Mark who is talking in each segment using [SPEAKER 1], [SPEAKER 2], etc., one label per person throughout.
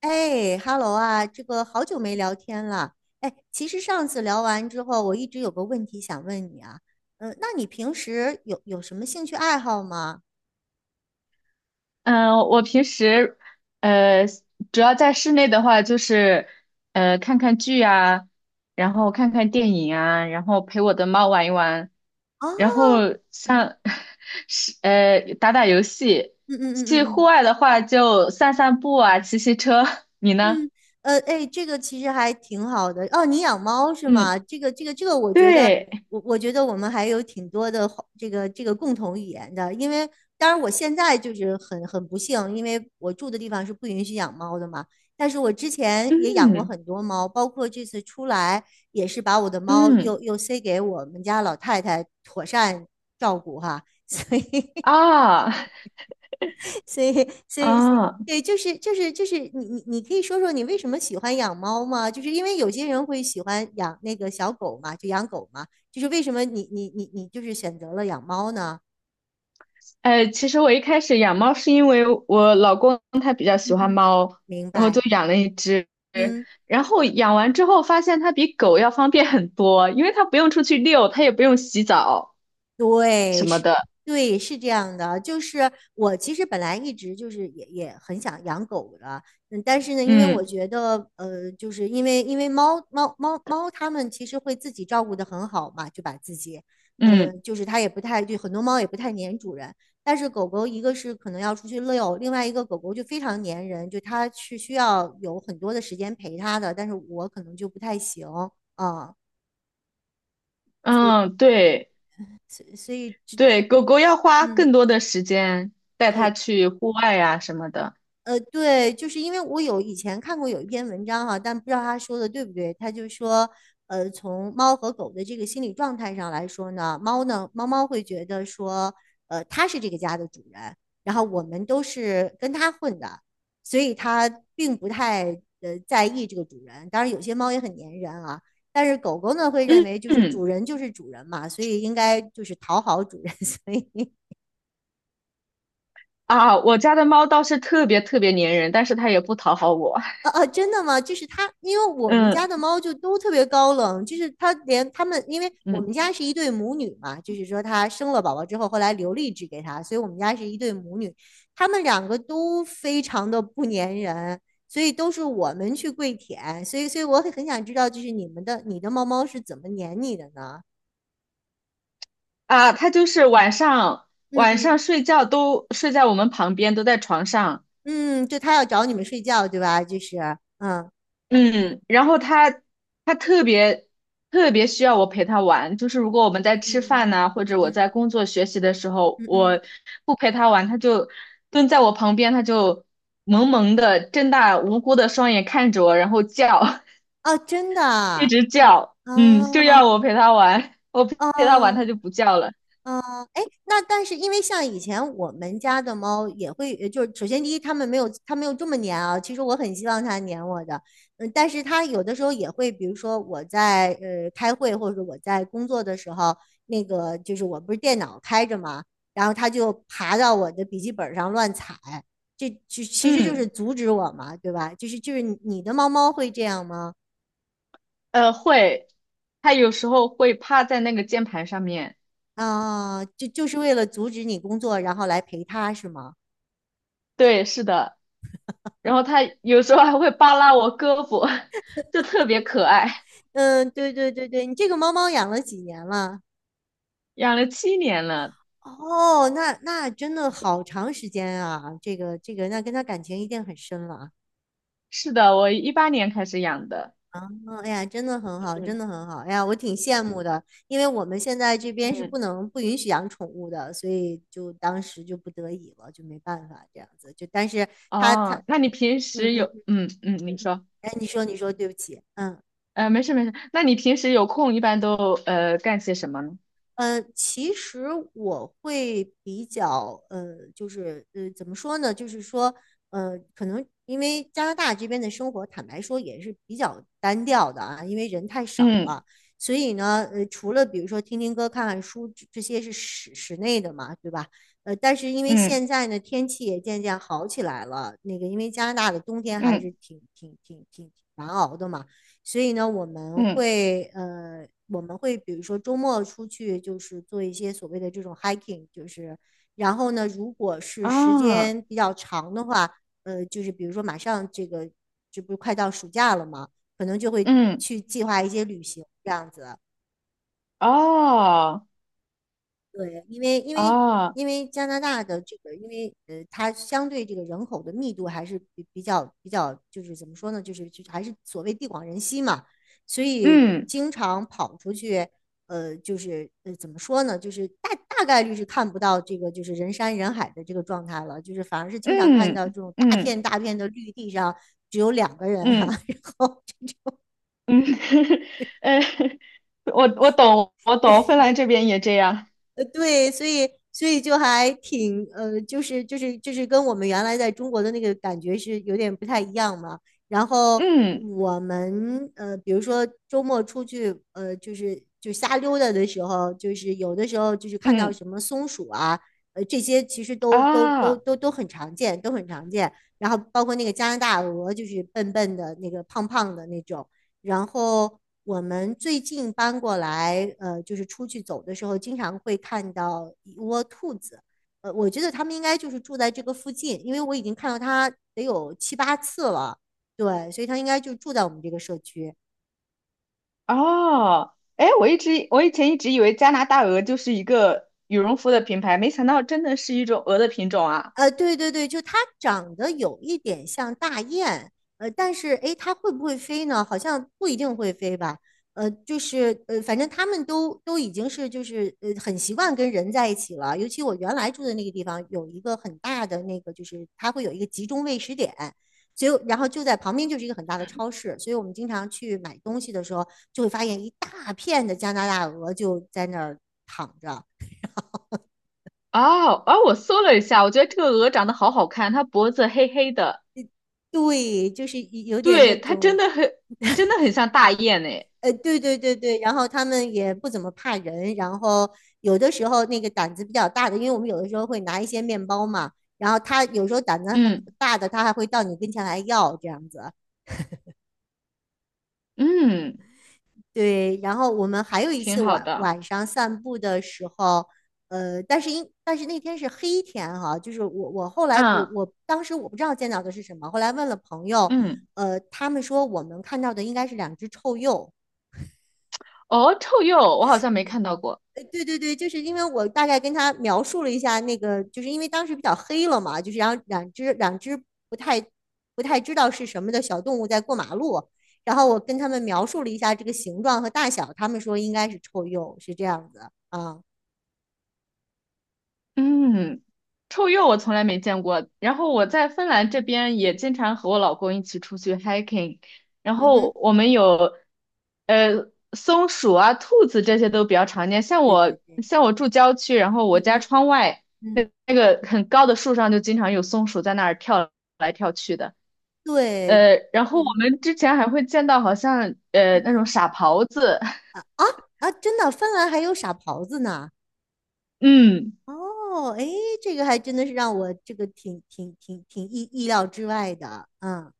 [SPEAKER 1] 哎，Hello 啊，这个好久没聊天了。哎，其实上次聊完之后，我一直有个问题想问你啊。嗯、那你平时有什么兴趣爱好吗？
[SPEAKER 2] 嗯，我平时呃，主要在室内的话，就是看看剧啊，然后看看电影啊，然后陪我的猫玩一玩，
[SPEAKER 1] 哦，
[SPEAKER 2] 然后
[SPEAKER 1] 嗯
[SPEAKER 2] 像 是打打游戏。
[SPEAKER 1] 嗯嗯
[SPEAKER 2] 去
[SPEAKER 1] 嗯
[SPEAKER 2] 户
[SPEAKER 1] 嗯。
[SPEAKER 2] 外的话，就散散步啊，骑骑车。你呢？
[SPEAKER 1] 嗯，哎，这个其实还挺好的哦。你养猫是吗？
[SPEAKER 2] 嗯，
[SPEAKER 1] 这个，我觉得，
[SPEAKER 2] 对，
[SPEAKER 1] 我觉得我们还有挺多的话这个共同语言的。因为当然我现在就是很不幸，因为我住的地方是不允许养猫的嘛。但是我之前也养过
[SPEAKER 2] 嗯
[SPEAKER 1] 很多猫，包括这次出来也是把我的猫
[SPEAKER 2] 嗯
[SPEAKER 1] 又塞给我们家老太太妥善照顾哈。所以
[SPEAKER 2] 啊 啊，
[SPEAKER 1] 所以，所以，
[SPEAKER 2] 哦
[SPEAKER 1] 对，就是你可以说说你为什么喜欢养猫吗？就是因为有些人会喜欢养那个小狗嘛，就养狗嘛，就是为什么你就是选择了养猫呢？
[SPEAKER 2] 其实我一开始养猫是因为我老公他比较
[SPEAKER 1] 嗯
[SPEAKER 2] 喜欢
[SPEAKER 1] 嗯，
[SPEAKER 2] 猫，
[SPEAKER 1] 明
[SPEAKER 2] 然后就
[SPEAKER 1] 白，
[SPEAKER 2] 养了一只。
[SPEAKER 1] 嗯。
[SPEAKER 2] 然后养完之后发现它比狗要方便很多，因为它不用出去遛，它也不用洗澡
[SPEAKER 1] 对，
[SPEAKER 2] 什么
[SPEAKER 1] 是，
[SPEAKER 2] 的。
[SPEAKER 1] 对，是这样的。就是我其实本来一直就是也很想养狗的，嗯，但是呢，因为我
[SPEAKER 2] 嗯
[SPEAKER 1] 觉得，就是因为猫猫它们其实会自己照顾得很好嘛，就把自己，
[SPEAKER 2] 嗯
[SPEAKER 1] 嗯、就是它也不太，就很多猫也不太粘主人。但是狗狗一个是可能要出去遛，另外一个狗狗就非常粘人，就它是需要有很多的时间陪它的，但是我可能就不太行啊，所以
[SPEAKER 2] 嗯，对
[SPEAKER 1] 所以这
[SPEAKER 2] 对，狗狗要花
[SPEAKER 1] 嗯。
[SPEAKER 2] 更多的时间带
[SPEAKER 1] 呃
[SPEAKER 2] 它去户外呀、什么的。
[SPEAKER 1] 对，就是因为我有以前看过有一篇文章哈，但不知道他说的对不对。他就说，从猫和狗的这个心理状态上来说呢，猫呢，猫猫会觉得说，它是这个家的主人，然后我们都是跟它混的，所以它并不太在意这个主人。当然，有些猫也很粘人啊，但是狗狗呢会认
[SPEAKER 2] 嗯
[SPEAKER 1] 为就是主
[SPEAKER 2] 嗯
[SPEAKER 1] 人就是主人嘛，所以应该就是讨好主人，所以
[SPEAKER 2] 啊，我家的猫倒是特别特别粘人，但是它也不讨好我。
[SPEAKER 1] 哦啊真的吗？就是它，因为 我们家的
[SPEAKER 2] 嗯
[SPEAKER 1] 猫就都特别高冷，就是它连它们，因为我
[SPEAKER 2] 嗯。
[SPEAKER 1] 们家是一对母女嘛，就是说它生了宝宝之后，后来留了一只给它，所以我们家是一对母女，它们两个都非常的不粘人，所以都是我们去跪舔，所以我很想知道，就是你们的你的猫猫是怎么粘你的呢？
[SPEAKER 2] 啊，他就是
[SPEAKER 1] 嗯
[SPEAKER 2] 晚上
[SPEAKER 1] 嗯
[SPEAKER 2] 睡觉都睡在我们旁边，都在床上。
[SPEAKER 1] 嗯，就它要找你们睡觉，对吧？就是嗯
[SPEAKER 2] 嗯，然后他特别特别需要我陪他玩，就是如果我们在
[SPEAKER 1] 嗯
[SPEAKER 2] 吃
[SPEAKER 1] 嗯
[SPEAKER 2] 饭呐、或
[SPEAKER 1] 嗯
[SPEAKER 2] 者我在
[SPEAKER 1] 嗯
[SPEAKER 2] 工作学习的时候，
[SPEAKER 1] 嗯嗯嗯，
[SPEAKER 2] 我不陪他玩，他就蹲在我旁边，他就萌萌的睁大无辜的双眼看着我，然后叫，
[SPEAKER 1] 哦，真的
[SPEAKER 2] 一
[SPEAKER 1] 啊。
[SPEAKER 2] 直叫，嗯，就要我
[SPEAKER 1] 哦
[SPEAKER 2] 陪他玩，我陪他玩他
[SPEAKER 1] 哦，
[SPEAKER 2] 就不叫了，
[SPEAKER 1] 哦，哎，那但是因为像以前我们家的猫也会，就是首先第一，它们没有它没有这么粘啊。其实我很希望它粘我的，嗯，但是它有的时候也会，比如说我在开会或者我在工作的时候，那个就是我不是电脑开着嘛，然后它就爬到我的笔记本上乱踩，这就其实就是
[SPEAKER 2] 嗯。
[SPEAKER 1] 阻止我嘛，对吧？就是就是你你的猫猫会这样吗？
[SPEAKER 2] 会，他有时候会趴在那个键盘上面，
[SPEAKER 1] 啊，就就是为了阻止你工作，然后来陪它是吗？
[SPEAKER 2] 对，是的，然后他有时候还会扒拉我胳膊，就特别可爱。
[SPEAKER 1] 嗯，对对对对，你这个猫猫养了几年了？
[SPEAKER 2] 养了7年了，
[SPEAKER 1] 哦，那那真的好长时间啊，这个这个，那跟它感情一定很深了。
[SPEAKER 2] 是的，我2018年开始养的。
[SPEAKER 1] 嗯，哎呀，真的很好，真
[SPEAKER 2] 嗯
[SPEAKER 1] 的很好。哎呀，我挺羡慕的，因为我们现在这边是不
[SPEAKER 2] 嗯，
[SPEAKER 1] 能不允许养宠物的，所以就当时就不得已了，就没办法这样子。就但是它它，
[SPEAKER 2] 哦，那你平
[SPEAKER 1] 嗯
[SPEAKER 2] 时
[SPEAKER 1] 嗯，
[SPEAKER 2] 有，
[SPEAKER 1] 嗯
[SPEAKER 2] 嗯嗯，你说，
[SPEAKER 1] 哎，你说你说，对不起，嗯。
[SPEAKER 2] 没事没事，那你平时有空一般都干些什么呢？
[SPEAKER 1] 其实我会比较就是怎么说呢？就是说，可能因为加拿大这边的生活，坦白说也是比较单调的啊，因为人太少
[SPEAKER 2] 嗯
[SPEAKER 1] 了，所以呢，除了比如说听听歌、看看书，这些是室内的嘛，对吧？但是因为
[SPEAKER 2] 嗯
[SPEAKER 1] 现在呢，天气也渐渐好起来了，那个因为加拿大的冬天还是
[SPEAKER 2] 嗯
[SPEAKER 1] 挺难熬的嘛。所以呢，
[SPEAKER 2] 嗯
[SPEAKER 1] 我们会比如说周末出去，就是做一些所谓的这种 hiking，就是然后呢，如果是时
[SPEAKER 2] 啊
[SPEAKER 1] 间比较长的话，就是比如说马上这个这不是快到暑假了嘛，可能就会
[SPEAKER 2] 嗯
[SPEAKER 1] 去计划一些旅行这样子。
[SPEAKER 2] 哦
[SPEAKER 1] 对，因为因为
[SPEAKER 2] 哦
[SPEAKER 1] 因为加拿大的这个，因为它相对这个人口的密度还是比较，就是怎么说呢，就是就还是所谓地广人稀嘛，所以
[SPEAKER 2] 嗯
[SPEAKER 1] 经常跑出去，就是怎么说呢，就是大概率是看不到这个就是人山人海的这个状态了，就是反而是经常看到
[SPEAKER 2] 嗯
[SPEAKER 1] 这种大
[SPEAKER 2] 嗯
[SPEAKER 1] 片大片的绿地上只有两个人哈、
[SPEAKER 2] 嗯。
[SPEAKER 1] 啊 然后
[SPEAKER 2] 嗯，呃，我懂，我懂，芬兰这边也这样。
[SPEAKER 1] 对，所以就还就是跟我们原来在中国的那个感觉是有点不太一样嘛。然后
[SPEAKER 2] 嗯
[SPEAKER 1] 我们比如说周末出去,就是就瞎溜达的时候，就是有的时候就是看到
[SPEAKER 2] 嗯
[SPEAKER 1] 什么松鼠啊，这些其实都都都
[SPEAKER 2] 啊
[SPEAKER 1] 都都很常见，都很常见。然后包括那个加拿大鹅，就是笨笨的那个胖胖的那种。然后我们最近搬过来，就是出去走的时候，经常会看到一窝兔子。呃，我觉得他们应该就是住在这个附近，因为我已经看到它得有七八次了。对，所以它应该就住在我们这个社区。
[SPEAKER 2] 哦，哎，我以前一直以为加拿大鹅就是一个羽绒服的品牌，没想到真的是一种鹅的品种啊。
[SPEAKER 1] 对对对，就它长得有一点像大雁，但是诶，它会不会飞呢？好像不一定会飞吧。反正他们都已经是就是很习惯跟人在一起了。尤其我原来住的那个地方有一个很大的那个，就是它会有一个集中喂食点，就然后就在旁边就是一个很大的超市，所以我们经常去买东西的时候，就会发现一大片的加拿大鹅就在那儿躺着。
[SPEAKER 2] 哦啊，我搜了一下，我觉得这个鹅长得好好看，它脖子黑黑的，
[SPEAKER 1] 对，就是有点那
[SPEAKER 2] 对，它
[SPEAKER 1] 种
[SPEAKER 2] 真的很像大雁诶。
[SPEAKER 1] 对对对对，然后他们也不怎么怕人，然后有的时候那个胆子比较大的，因为我们有的时候会拿一些面包嘛，然后他有时候胆子还
[SPEAKER 2] 嗯
[SPEAKER 1] 大的，他还会到你跟前来要这样子。
[SPEAKER 2] 嗯，
[SPEAKER 1] 对，然后我们还有一
[SPEAKER 2] 挺
[SPEAKER 1] 次
[SPEAKER 2] 好
[SPEAKER 1] 晚
[SPEAKER 2] 的。
[SPEAKER 1] 晚上散步的时候，但是那天是黑天哈，就是我后来我
[SPEAKER 2] 嗯
[SPEAKER 1] 我当时我不知道见到的是什么，后来问了朋友，
[SPEAKER 2] 嗯，
[SPEAKER 1] 他们说我们看到的应该是两只臭鼬。
[SPEAKER 2] 哦，臭鼬，我好像没看到过。
[SPEAKER 1] 对对对，就是因为我大概跟他描述了一下那个，就是因为当时比较黑了嘛，就是然后两只不太不太知道是什么的小动物在过马路，然后我跟他们描述了一下这个形状和大小，他们说应该是臭鼬，是这样子啊。
[SPEAKER 2] 嗯。臭鼬我从来没见过，然后我在芬兰这边也经常
[SPEAKER 1] 嗯
[SPEAKER 2] 和我老公一起出去 hiking，然
[SPEAKER 1] 嗯哼，
[SPEAKER 2] 后我们有松鼠啊、兔子这些都比较常见。
[SPEAKER 1] 对对对，
[SPEAKER 2] 像我住郊区，然后我
[SPEAKER 1] 嗯
[SPEAKER 2] 家
[SPEAKER 1] 嗯
[SPEAKER 2] 窗外
[SPEAKER 1] 嗯，
[SPEAKER 2] 那个很高的树上就经常有松鼠在那儿跳来跳去的。
[SPEAKER 1] 对，
[SPEAKER 2] 然后我
[SPEAKER 1] 嗯
[SPEAKER 2] 们之前还会见到好像
[SPEAKER 1] 嗯
[SPEAKER 2] 那种
[SPEAKER 1] 嗯
[SPEAKER 2] 傻狍子，
[SPEAKER 1] 啊，真的，芬兰还有傻狍子呢。
[SPEAKER 2] 嗯。
[SPEAKER 1] 哦，哎，这个还真的是让我这个挺意料之外的，嗯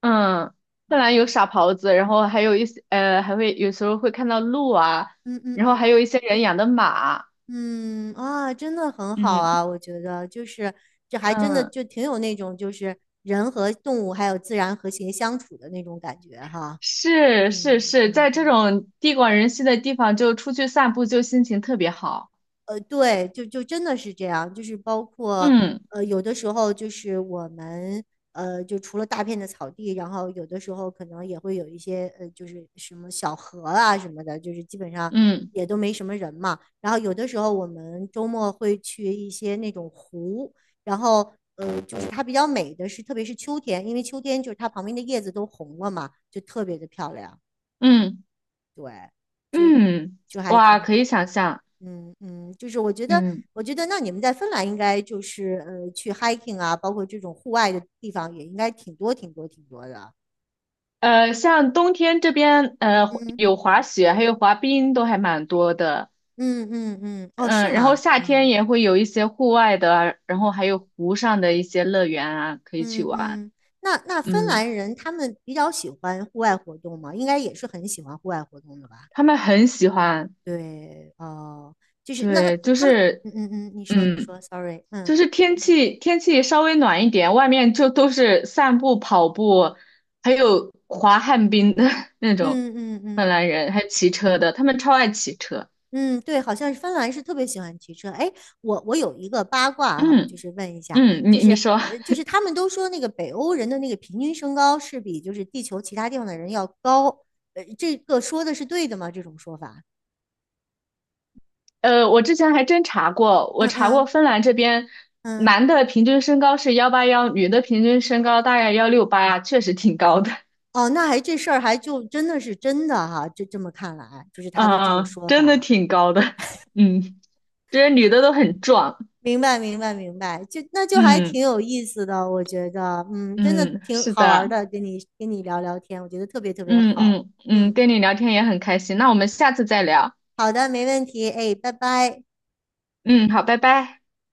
[SPEAKER 2] 嗯，芬兰有傻狍子，然后还有一些还会有时候会看到鹿啊，
[SPEAKER 1] 嗯嗯
[SPEAKER 2] 然后还
[SPEAKER 1] 嗯。
[SPEAKER 2] 有一些人养的马。
[SPEAKER 1] 嗯啊，真的很好
[SPEAKER 2] 嗯，
[SPEAKER 1] 啊，我觉得就是这还真的
[SPEAKER 2] 嗯，
[SPEAKER 1] 就挺有那种就是人和动物还有自然和谐相处的那种感觉哈。
[SPEAKER 2] 是是
[SPEAKER 1] 嗯
[SPEAKER 2] 是，
[SPEAKER 1] 嗯。
[SPEAKER 2] 在这种地广人稀的地方，就出去散步，就心情特别好。
[SPEAKER 1] 对，就真的是这样，就是包括
[SPEAKER 2] 嗯
[SPEAKER 1] 有的时候就是我们,就除了大片的草地，然后有的时候可能也会有一些就是什么小河啊什么的，就是基本上
[SPEAKER 2] 嗯
[SPEAKER 1] 也都没什么人嘛。然后有的时候我们周末会去一些那种湖，然后就是它比较美的是，特别是秋天，因为秋天就是它旁边的叶子都红了嘛，就特别的漂亮，
[SPEAKER 2] 嗯嗯，
[SPEAKER 1] 就还挺
[SPEAKER 2] 哇，可
[SPEAKER 1] 好。
[SPEAKER 2] 以想象。
[SPEAKER 1] 嗯嗯，就是我觉得，
[SPEAKER 2] 嗯，
[SPEAKER 1] 我觉得那你们在芬兰应该就是去 hiking 啊，包括这种户外的地方也应该挺多挺多挺多的。
[SPEAKER 2] 像冬天这边，
[SPEAKER 1] 嗯
[SPEAKER 2] 有滑雪，还有滑冰，都还蛮多的。
[SPEAKER 1] 嗯嗯嗯，哦，是
[SPEAKER 2] 嗯，然后
[SPEAKER 1] 吗？
[SPEAKER 2] 夏天
[SPEAKER 1] 嗯
[SPEAKER 2] 也会有一些户外的啊，然后还有湖上的一些乐园啊，可以去
[SPEAKER 1] 嗯
[SPEAKER 2] 玩。
[SPEAKER 1] 嗯，那芬
[SPEAKER 2] 嗯，
[SPEAKER 1] 兰人他们比较喜欢户外活动吗？应该也是很喜欢户外活动的吧？
[SPEAKER 2] 他们很喜欢，
[SPEAKER 1] 对，哦，就是那
[SPEAKER 2] 对，
[SPEAKER 1] 那
[SPEAKER 2] 就
[SPEAKER 1] 他们，
[SPEAKER 2] 是，
[SPEAKER 1] 嗯嗯嗯，你说你
[SPEAKER 2] 嗯，
[SPEAKER 1] 说，sorry，嗯
[SPEAKER 2] 就是天气稍微暖一点，外面就都是散步、跑步，还有滑旱冰的 那种
[SPEAKER 1] 嗯嗯
[SPEAKER 2] 芬
[SPEAKER 1] 嗯。
[SPEAKER 2] 兰人，还有骑车的，他们超爱骑车。
[SPEAKER 1] 嗯，对，好像是芬兰是特别喜欢骑车。哎，我有一个八卦哈，就
[SPEAKER 2] 嗯
[SPEAKER 1] 是问一下，
[SPEAKER 2] 嗯，
[SPEAKER 1] 就是
[SPEAKER 2] 你说。
[SPEAKER 1] 就是他们都说那个北欧人的那个平均身高是比就是地球其他地方的人要高，这个说的是对的吗？这种说法？
[SPEAKER 2] 我之前还真查过，我
[SPEAKER 1] 嗯
[SPEAKER 2] 查过
[SPEAKER 1] 嗯
[SPEAKER 2] 芬兰这边
[SPEAKER 1] 嗯，
[SPEAKER 2] 男的平均身高是181，女的平均身高大概168，确实挺高的，
[SPEAKER 1] 哦，那还这事儿还就真的是真的哈，就这么看来，就 是他的这种
[SPEAKER 2] 嗯，
[SPEAKER 1] 说
[SPEAKER 2] 真的
[SPEAKER 1] 法。
[SPEAKER 2] 挺高的，嗯，这些女的都很壮，
[SPEAKER 1] 明白，明白，明白，就那就还挺
[SPEAKER 2] 嗯
[SPEAKER 1] 有意思的，我觉得，嗯，真的
[SPEAKER 2] 嗯，
[SPEAKER 1] 挺
[SPEAKER 2] 是
[SPEAKER 1] 好玩儿
[SPEAKER 2] 的，
[SPEAKER 1] 的，跟你聊聊天，我觉得特别特别
[SPEAKER 2] 嗯
[SPEAKER 1] 好，
[SPEAKER 2] 嗯嗯，
[SPEAKER 1] 嗯。
[SPEAKER 2] 跟你聊天也很开心，那我们下次再聊，
[SPEAKER 1] 好的，没问题。哎，拜拜。
[SPEAKER 2] 嗯，好，拜拜。